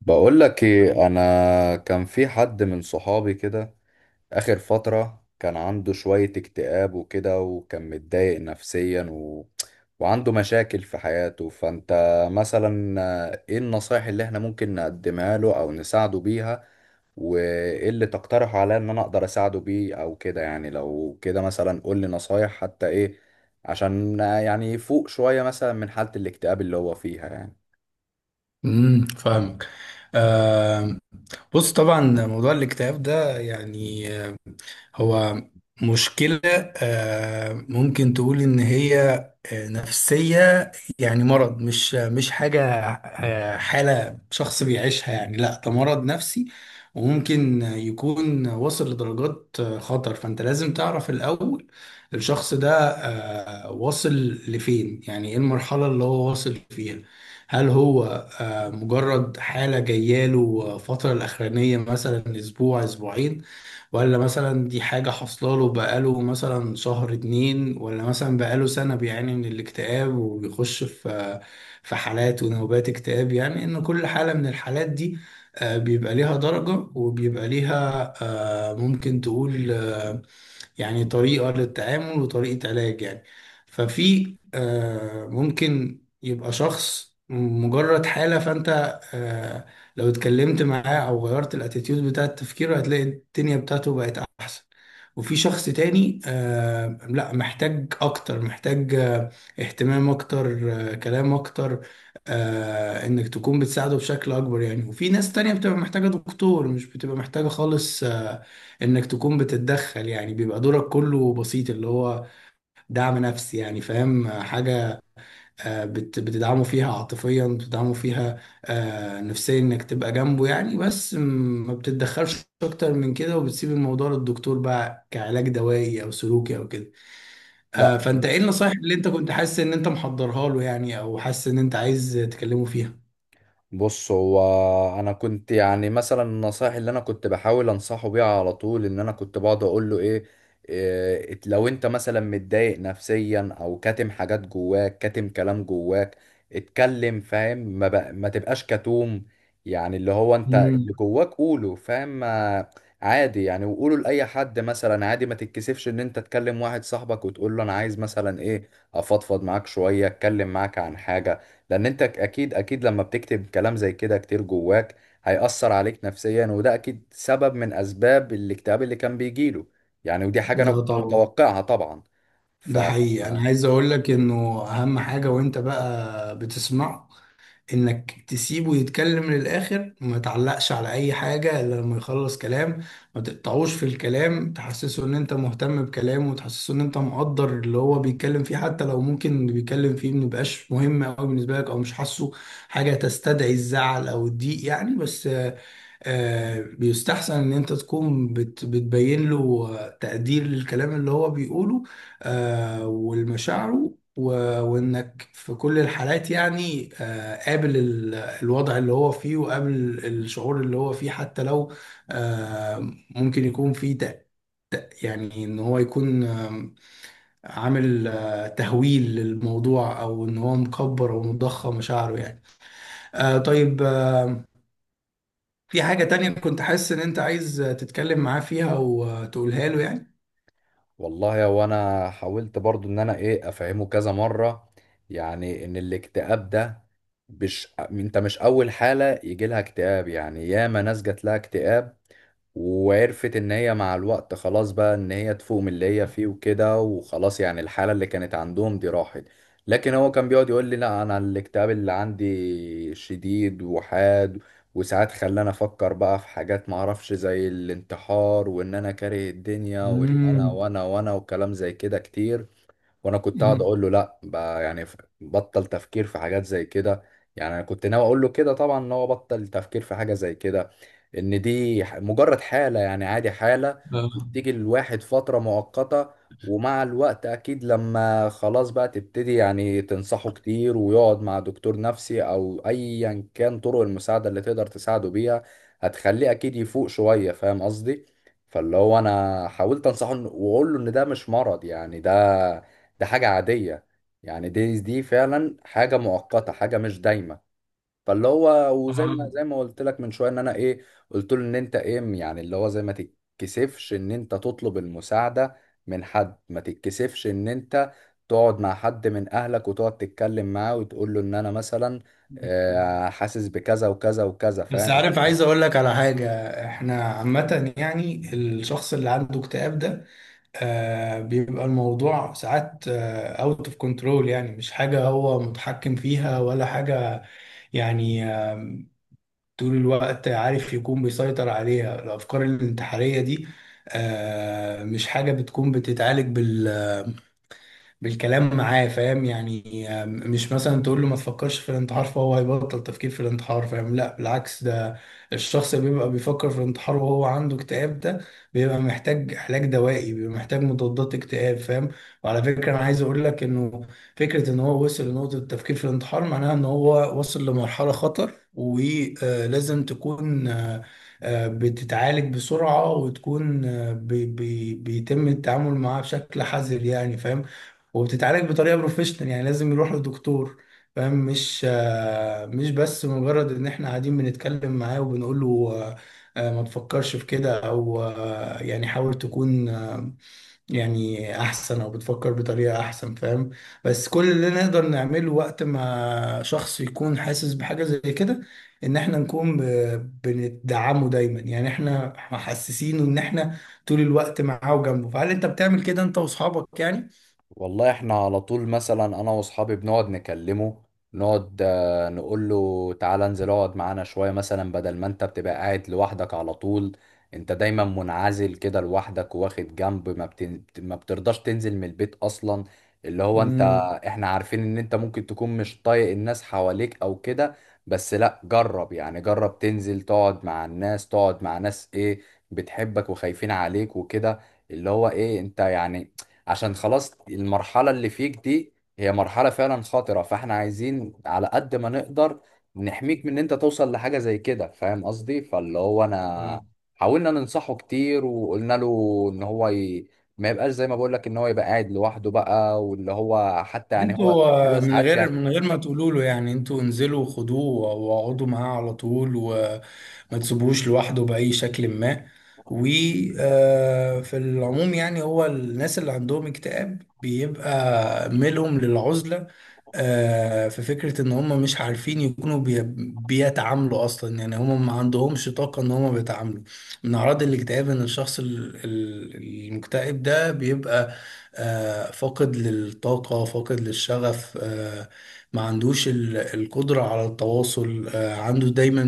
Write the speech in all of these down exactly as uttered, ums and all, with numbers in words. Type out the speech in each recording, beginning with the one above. بقول لك ايه، انا كان في حد من صحابي كده. اخر فترة كان عنده شوية اكتئاب وكده، وكان متضايق نفسيا و... وعنده مشاكل في حياته. فانت مثلا، آه، ايه النصايح اللي احنا ممكن نقدمها له او نساعده بيها؟ وايه اللي تقترح عليا ان انا اقدر اساعده بيه او كده؟ يعني لو كده مثلا قول لي نصايح حتى ايه عشان آه، يعني يفوق شوية مثلا من حالة الاكتئاب اللي هو فيها يعني. امم فاهمك. آه بص، طبعا موضوع الاكتئاب ده يعني هو مشكلة، آه، ممكن تقول إن هي آه، نفسية، يعني مرض، مش مش حاجة آه، حالة شخص بيعيشها. يعني لا، ده مرض نفسي وممكن يكون واصل لدرجات آه، خطر. فأنت لازم تعرف الأول الشخص ده آه، واصل لفين، يعني إيه المرحلة اللي هو واصل فيها. هل هو آه، مجرد حالة جاية له فترة الأخرانية مثلا أسبوع أسبوعين، ولا مثلا دي حاجة حاصلة له بقاله مثلا شهر اتنين، ولا مثلا بقاله سنة بيعاني من الاكتئاب وبيخش في في حالات ونوبات اكتئاب. يعني إن كل حالة من الحالات دي آه، بيبقى ليها درجة وبيبقى ليها آه، ممكن تقول آه، يعني طريقة للتعامل وطريقة علاج. يعني ففي آه، ممكن يبقى شخص مجرد حالة، فأنت آه، لو اتكلمت معاه أو غيرت الاتيتيود بتاع تفكيره هتلاقي الدنيا بتاعته بقت أحسن. وفي شخص تاني آه لا، محتاج أكتر، محتاج آه اهتمام أكتر، آه كلام أكتر، آه إنك تكون بتساعده بشكل أكبر. يعني وفي ناس تانية بتبقى محتاجة دكتور، مش بتبقى محتاجة خالص آه، انك تكون بتتدخل. يعني بيبقى دورك كله بسيط، اللي هو دعم نفسي. يعني فاهم حاجة، آه، بت- بتدعمه فيها عاطفيا، بتدعمه فيها آه، نفسيا، انك تبقى جنبه. يعني بس م- ما بتتدخلش اكتر من كده وبتسيب الموضوع للدكتور بقى كعلاج دوائي او سلوكي او كده. آه، لا فانت ايه بص. النصايح اللي انت كنت حاسس ان انت محضرها له، يعني او حاسس ان انت عايز تكلمه فيها؟ بص هو انا كنت يعني مثلا النصائح اللي انا كنت بحاول انصحه بيها على طول، ان انا كنت بقعد اقول له ايه، إيه لو انت مثلا متضايق نفسيا او كاتم حاجات جواك، كاتم كلام جواك، اتكلم. فاهم؟ ما, بق... ما تبقاش كتوم. يعني اللي هو انت اللي امم جواك قوله. فاهم ما- عادي يعني، وقوله لاي حد مثلا، عادي ما تتكسفش ان انت تكلم واحد صاحبك وتقول له انا عايز مثلا ايه افضفض معاك شوية، اتكلم معاك عن حاجة. لان انت اكيد اكيد لما بتكتب كلام زي كده كتير جواك، هيأثر عليك نفسيا، وده اكيد سبب من اسباب الاكتئاب اللي كان بيجيله يعني. ودي حاجة انا ده كنت طبعا، متوقعها طبعا. ف ده حقيقي. انا عايز اقول لك انه اهم حاجة وانت بقى بتسمعه انك تسيبه يتكلم للاخر وما تعلقش على اي حاجة الا لما يخلص كلام. ما تقطعوش في الكلام، تحسسه ان انت مهتم بكلامه وتحسسه ان انت مقدر اللي هو بيتكلم فيه، حتى لو ممكن اللي بيتكلم فيه ما يبقاش مهم قوي بالنسبة لك، او مش حاسه حاجة تستدعي الزعل او الضيق. يعني بس آه، بيستحسن ان انت تكون بت بتبين له آه، تقدير للكلام اللي هو بيقوله آه، والمشاعره، و- وانك في كل الحالات يعني آه، قابل ال- الوضع اللي هو فيه، وقابل الشعور اللي هو فيه، حتى لو آه، ممكن يكون فيه تق- يعني ان هو يكون آم، عامل آه، تهويل للموضوع، او ان هو مكبر او مضخم مشاعره. يعني آه، طيب، آه، في حاجة تانية كنت حاسس إن أنت عايز تتكلم معاه فيها وتقولها له يعني؟ والله، وانا حاولت برضو ان انا ايه افهمه كذا مرة، يعني ان الاكتئاب ده، مش انت مش اول حالة يجي لها اكتئاب يعني، ياما ناس جات لها اكتئاب وعرفت ان هي مع الوقت خلاص بقى ان هي تفوق من اللي هي فيه وكده، وخلاص يعني الحالة اللي كانت عندهم دي راحت. لكن هو كان بيقعد يقول لي لا انا الاكتئاب اللي عندي شديد وحاد، وساعات خلاني افكر بقى في حاجات ما اعرفش زي الانتحار، وان انا كاره الدنيا، وان انا مم. وانا وانا وكلام زي كده كتير. وانا كنت قاعد مم. اقول له لا بقى يعني، ف- بطل تفكير في حاجات زي كده. يعني انا كنت ناوي اقول له كده طبعا، ان هو بطل تفكير في حاجه زي كده، ان دي ح- مجرد حاله يعني، عادي، حاله آه. بتيجي الواحد فتره مؤقته. ومع الوقت اكيد لما خلاص بقى تبتدي يعني تنصحه كتير، ويقعد مع دكتور نفسي، او ايا كان طرق المساعده اللي تقدر تساعده بيها، هتخليه اكيد يفوق شويه. فاهم قصدي؟ فاللي هو انا حاولت انصحه إن- واقول له ان ده مش مرض يعني، ده ده حاجة عادية. يعني دي دي فعلا حاجة مؤقتة، حاجة مش دايمة. فاللي هو وزي ما آه. زي ما قلت لك من شوية، ان انا ايه قلت له ان انت ايه يعني اللي هو زي ما تتكسفش ان انت تطلب المساعدة من حد، ما تتكسفش ان انت تقعد مع حد من اهلك وتقعد تتكلم معاه وتقول له ان انا مثلا آه، حاسس بكذا وكذا وكذا. بس فاهم؟ عارف، عايز اقول لك على حاجة. احنا عامة يعني الشخص اللي عنده اكتئاب ده آه بيبقى الموضوع ساعات اوت اوف كنترول، يعني مش حاجة هو متحكم فيها ولا حاجة. يعني آه طول الوقت عارف يكون بيسيطر عليها الافكار الانتحارية دي. آه مش حاجة بتكون بتتعالج بالكلام معاه. فاهم يعني آم، مش مثلا تقول له ما تفكرش في الانتحار فهو هيبطل تفكير في الانتحار. فاهم؟ لا بالعكس، ده الشخص اللي بيبقى بيفكر في الانتحار وهو عنده اكتئاب ده بيبقى محتاج علاج دوائي، بيبقى محتاج مضادات اكتئاب. فاهم؟ وعلى فكرة انا عايز اقول لك انه فكرة ان هو وصل لنقطة التفكير في الانتحار معناها ان هو وصل لمرحلة خطر، ولازم تكون آه، آه، بتتعالج بسرعة، وتكون آه، بي- بي- بيتم التعامل معاه بشكل حذر. يعني فاهم؟ وبتتعالج بطريقه بروفيشنال، يعني لازم يروح لدكتور. فاهم؟ مش آه، مش بس مجرد ان احنا قاعدين بنتكلم معاه وبنقول له آه، آه، ما تفكرش في كده، او آه، يعني حاول تكون آه، يعني احسن او بتفكر بطريقه احسن. فاهم؟ بس كل اللي نقدر نعمله وقت ما شخص يكون حاسس بحاجه زي كده ان احنا نكون ب- بندعمه دايما، يعني احنا محسسينه ان احنا طول الوقت معاه وجنبه. فهل انت بتعمل كده انت واصحابك؟ والله احنا على طول مثلا انا واصحابي بنقعد نكلمه، نقعد آه، نقول له تعالى انزل اقعد معانا شوية، مثلا بدل ما انت بتبقى قاعد لوحدك على طول، انت دايما منعزل كده لوحدك واخد جنب، ما, بتن... ما بترضاش تنزل من البيت اصلا. اللي هو انت، يعني احنا عارفين ان انت ممكن تكون مش طايق الناس حواليك او كده، بس لا جرب يعني، جرب تنزل تقعد مع الناس، تقعد مع ناس ايه بتحبك وخايفين عليك وكده. اللي هو ايه انت يعني، عشان خلاص المرحلة اللي فيك دي هي مرحلة فعلا خطرة، فاحنا عايزين على قد ما نقدر نحميك من ان انت توصل لحاجة زي كده. فاهم قصدي؟ فاللي هو آه. انا حاولنا ننصحه كتير، وقلنا له ان هو ي... ما يبقاش زي ما بقول لك ان هو يبقى قاعد لوحده بقى. واللي هو حتى يعني هو انتوا آه، هو من ساعات غير بيعمل. من غير ما تقولوا له يعني، انتوا انزلوا وخدوه واقعدوا معاه على طول وما تسيبوهوش لوحده بأي شكل ما. وفي العموم يعني هو الناس اللي عندهم اكتئاب بيبقى ميلهم للعزلة. آه، في فكرة ان هم مش عارفين يكونوا بي- بيتعاملوا اصلا. يعني هم ما عندهمش طاقة ان هم بيتعاملوا. من اعراض الاكتئاب ان الشخص ال- ال- المكتئب ده بيبقى آه، فاقد للطاقة، فاقد للشغف، آه، ما عندوش ال- القدرة على التواصل. آه، عنده دايما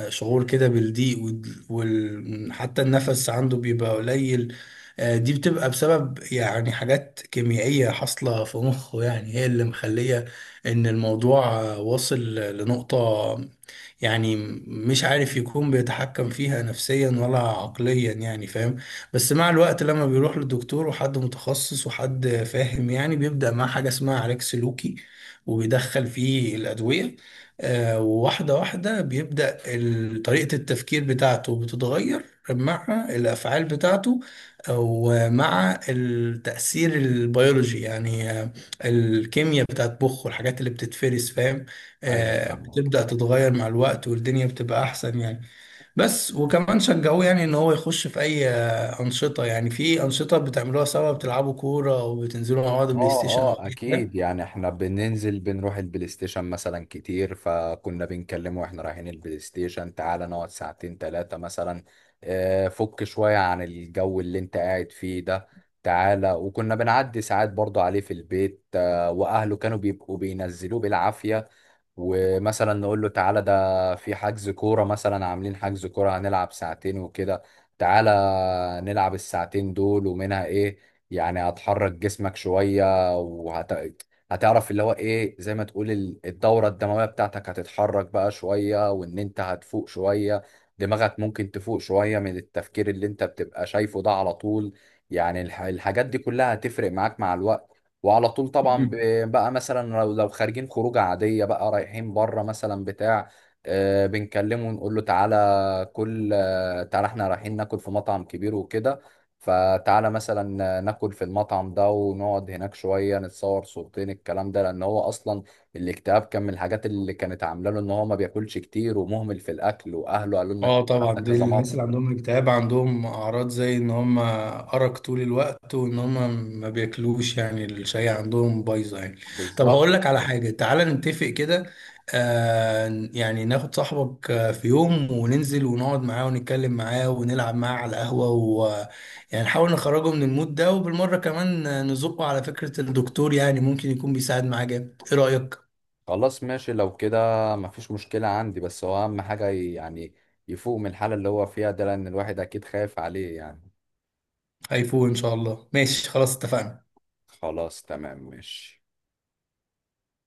آه، شعور كده بالضيق وال- وال- حتى النفس عنده بيبقى قليل. آه، دي بتبقى بسبب يعني حاجات كيميائية حاصلة في مخه. يعني هي اللي مخلية ان الموضوع آه، واصل لنقطة يعني مش عارف، يكون بيتحكم فيها نفسيا ولا عقليا. يعني فاهم؟ بس مع الوقت لما بيروح للدكتور وحد متخصص وحد فاهم، يعني بيبدأ مع حاجة اسمها علاج سلوكي وبيدخل فيه الأدوية. آه، وواحدة واحدة بيبدأ ال- طريقة التفكير بتاعته بتتغير مع الأفعال بتاعته، ومع التأثير البيولوجي، يعني آه، الكيمياء بتاعت مخه والحاجات اللي بتتفرز. فاهم؟ ايوه آه، فاهمك. بتبدأ تتغير مع الوقت والدنيا بتبقى أحسن. يعني بس وكمان شجعوه يعني ان هو يخش في اي آه، انشطه، يعني في انشطه بتعملوها سوا، بتلعبوا كوره وبتنزلوا مع بعض بلاي اه. ستيشن او اه اي اكيد يعني احنا بننزل بنروح البلاي ستيشن مثلا كتير، فكنا بنكلمه واحنا رايحين البلاي ستيشن تعالى نقعد ساعتين تلاتة مثلا، آه، فك شوية عن الجو اللي انت قاعد فيه ده، تعالى. وكنا بنعدي ساعات برضه عليه في البيت، آه، واهله كانوا بيبقوا بينزلوه بالعافية. ومثلا نقول له تعالى ده في حجز كورة مثلا، عاملين حجز كورة هنلعب ساعتين وكده، تعالى نلعب الساعتين دول ومنها ايه، يعني هتحرك جسمك شوية وهت هتعرف اللي هو ايه زي ما تقول ال- الدورة الدموية بتاعتك هتتحرك بقى شوية، وان انت هتفوق شوية، دماغك ممكن تفوق شوية من التفكير اللي انت بتبقى شايفه ده على طول. يعني الح- الحاجات دي كلها هتفرق معاك مع الوقت. وعلى طول طبعا حاجه. ب- بقى مثلا لو لو خارجين خروجه عاديه بقى، رايحين بره مثلا بتاع، آه، بنكلمه ونقول له تعالى كل، آه، تعالى احنا رايحين ناكل في مطعم كبير وكده، فتعالى مثلا آه، ناكل في المطعم ده ونقعد هناك شويه نتصور صورتين، الكلام ده لان هو اصلا الاكتئاب كان من الحاجات اللي كانت عامله له ان هو ما بياكلش كتير ومهمل في الاكل، واهله قالوا لنا اه الكلام ده طبعا، دي كذا الناس مره. اللي عندهم اكتئاب عندهم اعراض زي ان هم ارق طول الوقت وان هم ما بياكلوش. يعني الشاي عندهم بايظه يعني. طب بالظبط. هقول لك على حاجه، تعالى نتفق كده. آه يعني ناخد صاحبك آه، في يوم وننزل ونقعد معاه ونتكلم معاه ونلعب معاه على القهوه، ويعني نحاول نخرجه من المود ده، وبالمره كمان آه، نزقه على فكره الدكتور، يعني ممكن يكون بيساعد معاه جامد. ايه رايك؟ خلاص ماشي لو كده. مفيش مشكلة عندي، بس هو أهم حاجة ي- يعني يفوق من الحالة اللي هو فيها ده، لأن الواحد أكيد خايف عليه يعني. هيفوق ان شاء الله، ماشي خلاص، اتفقنا. خلاص تمام ماشي.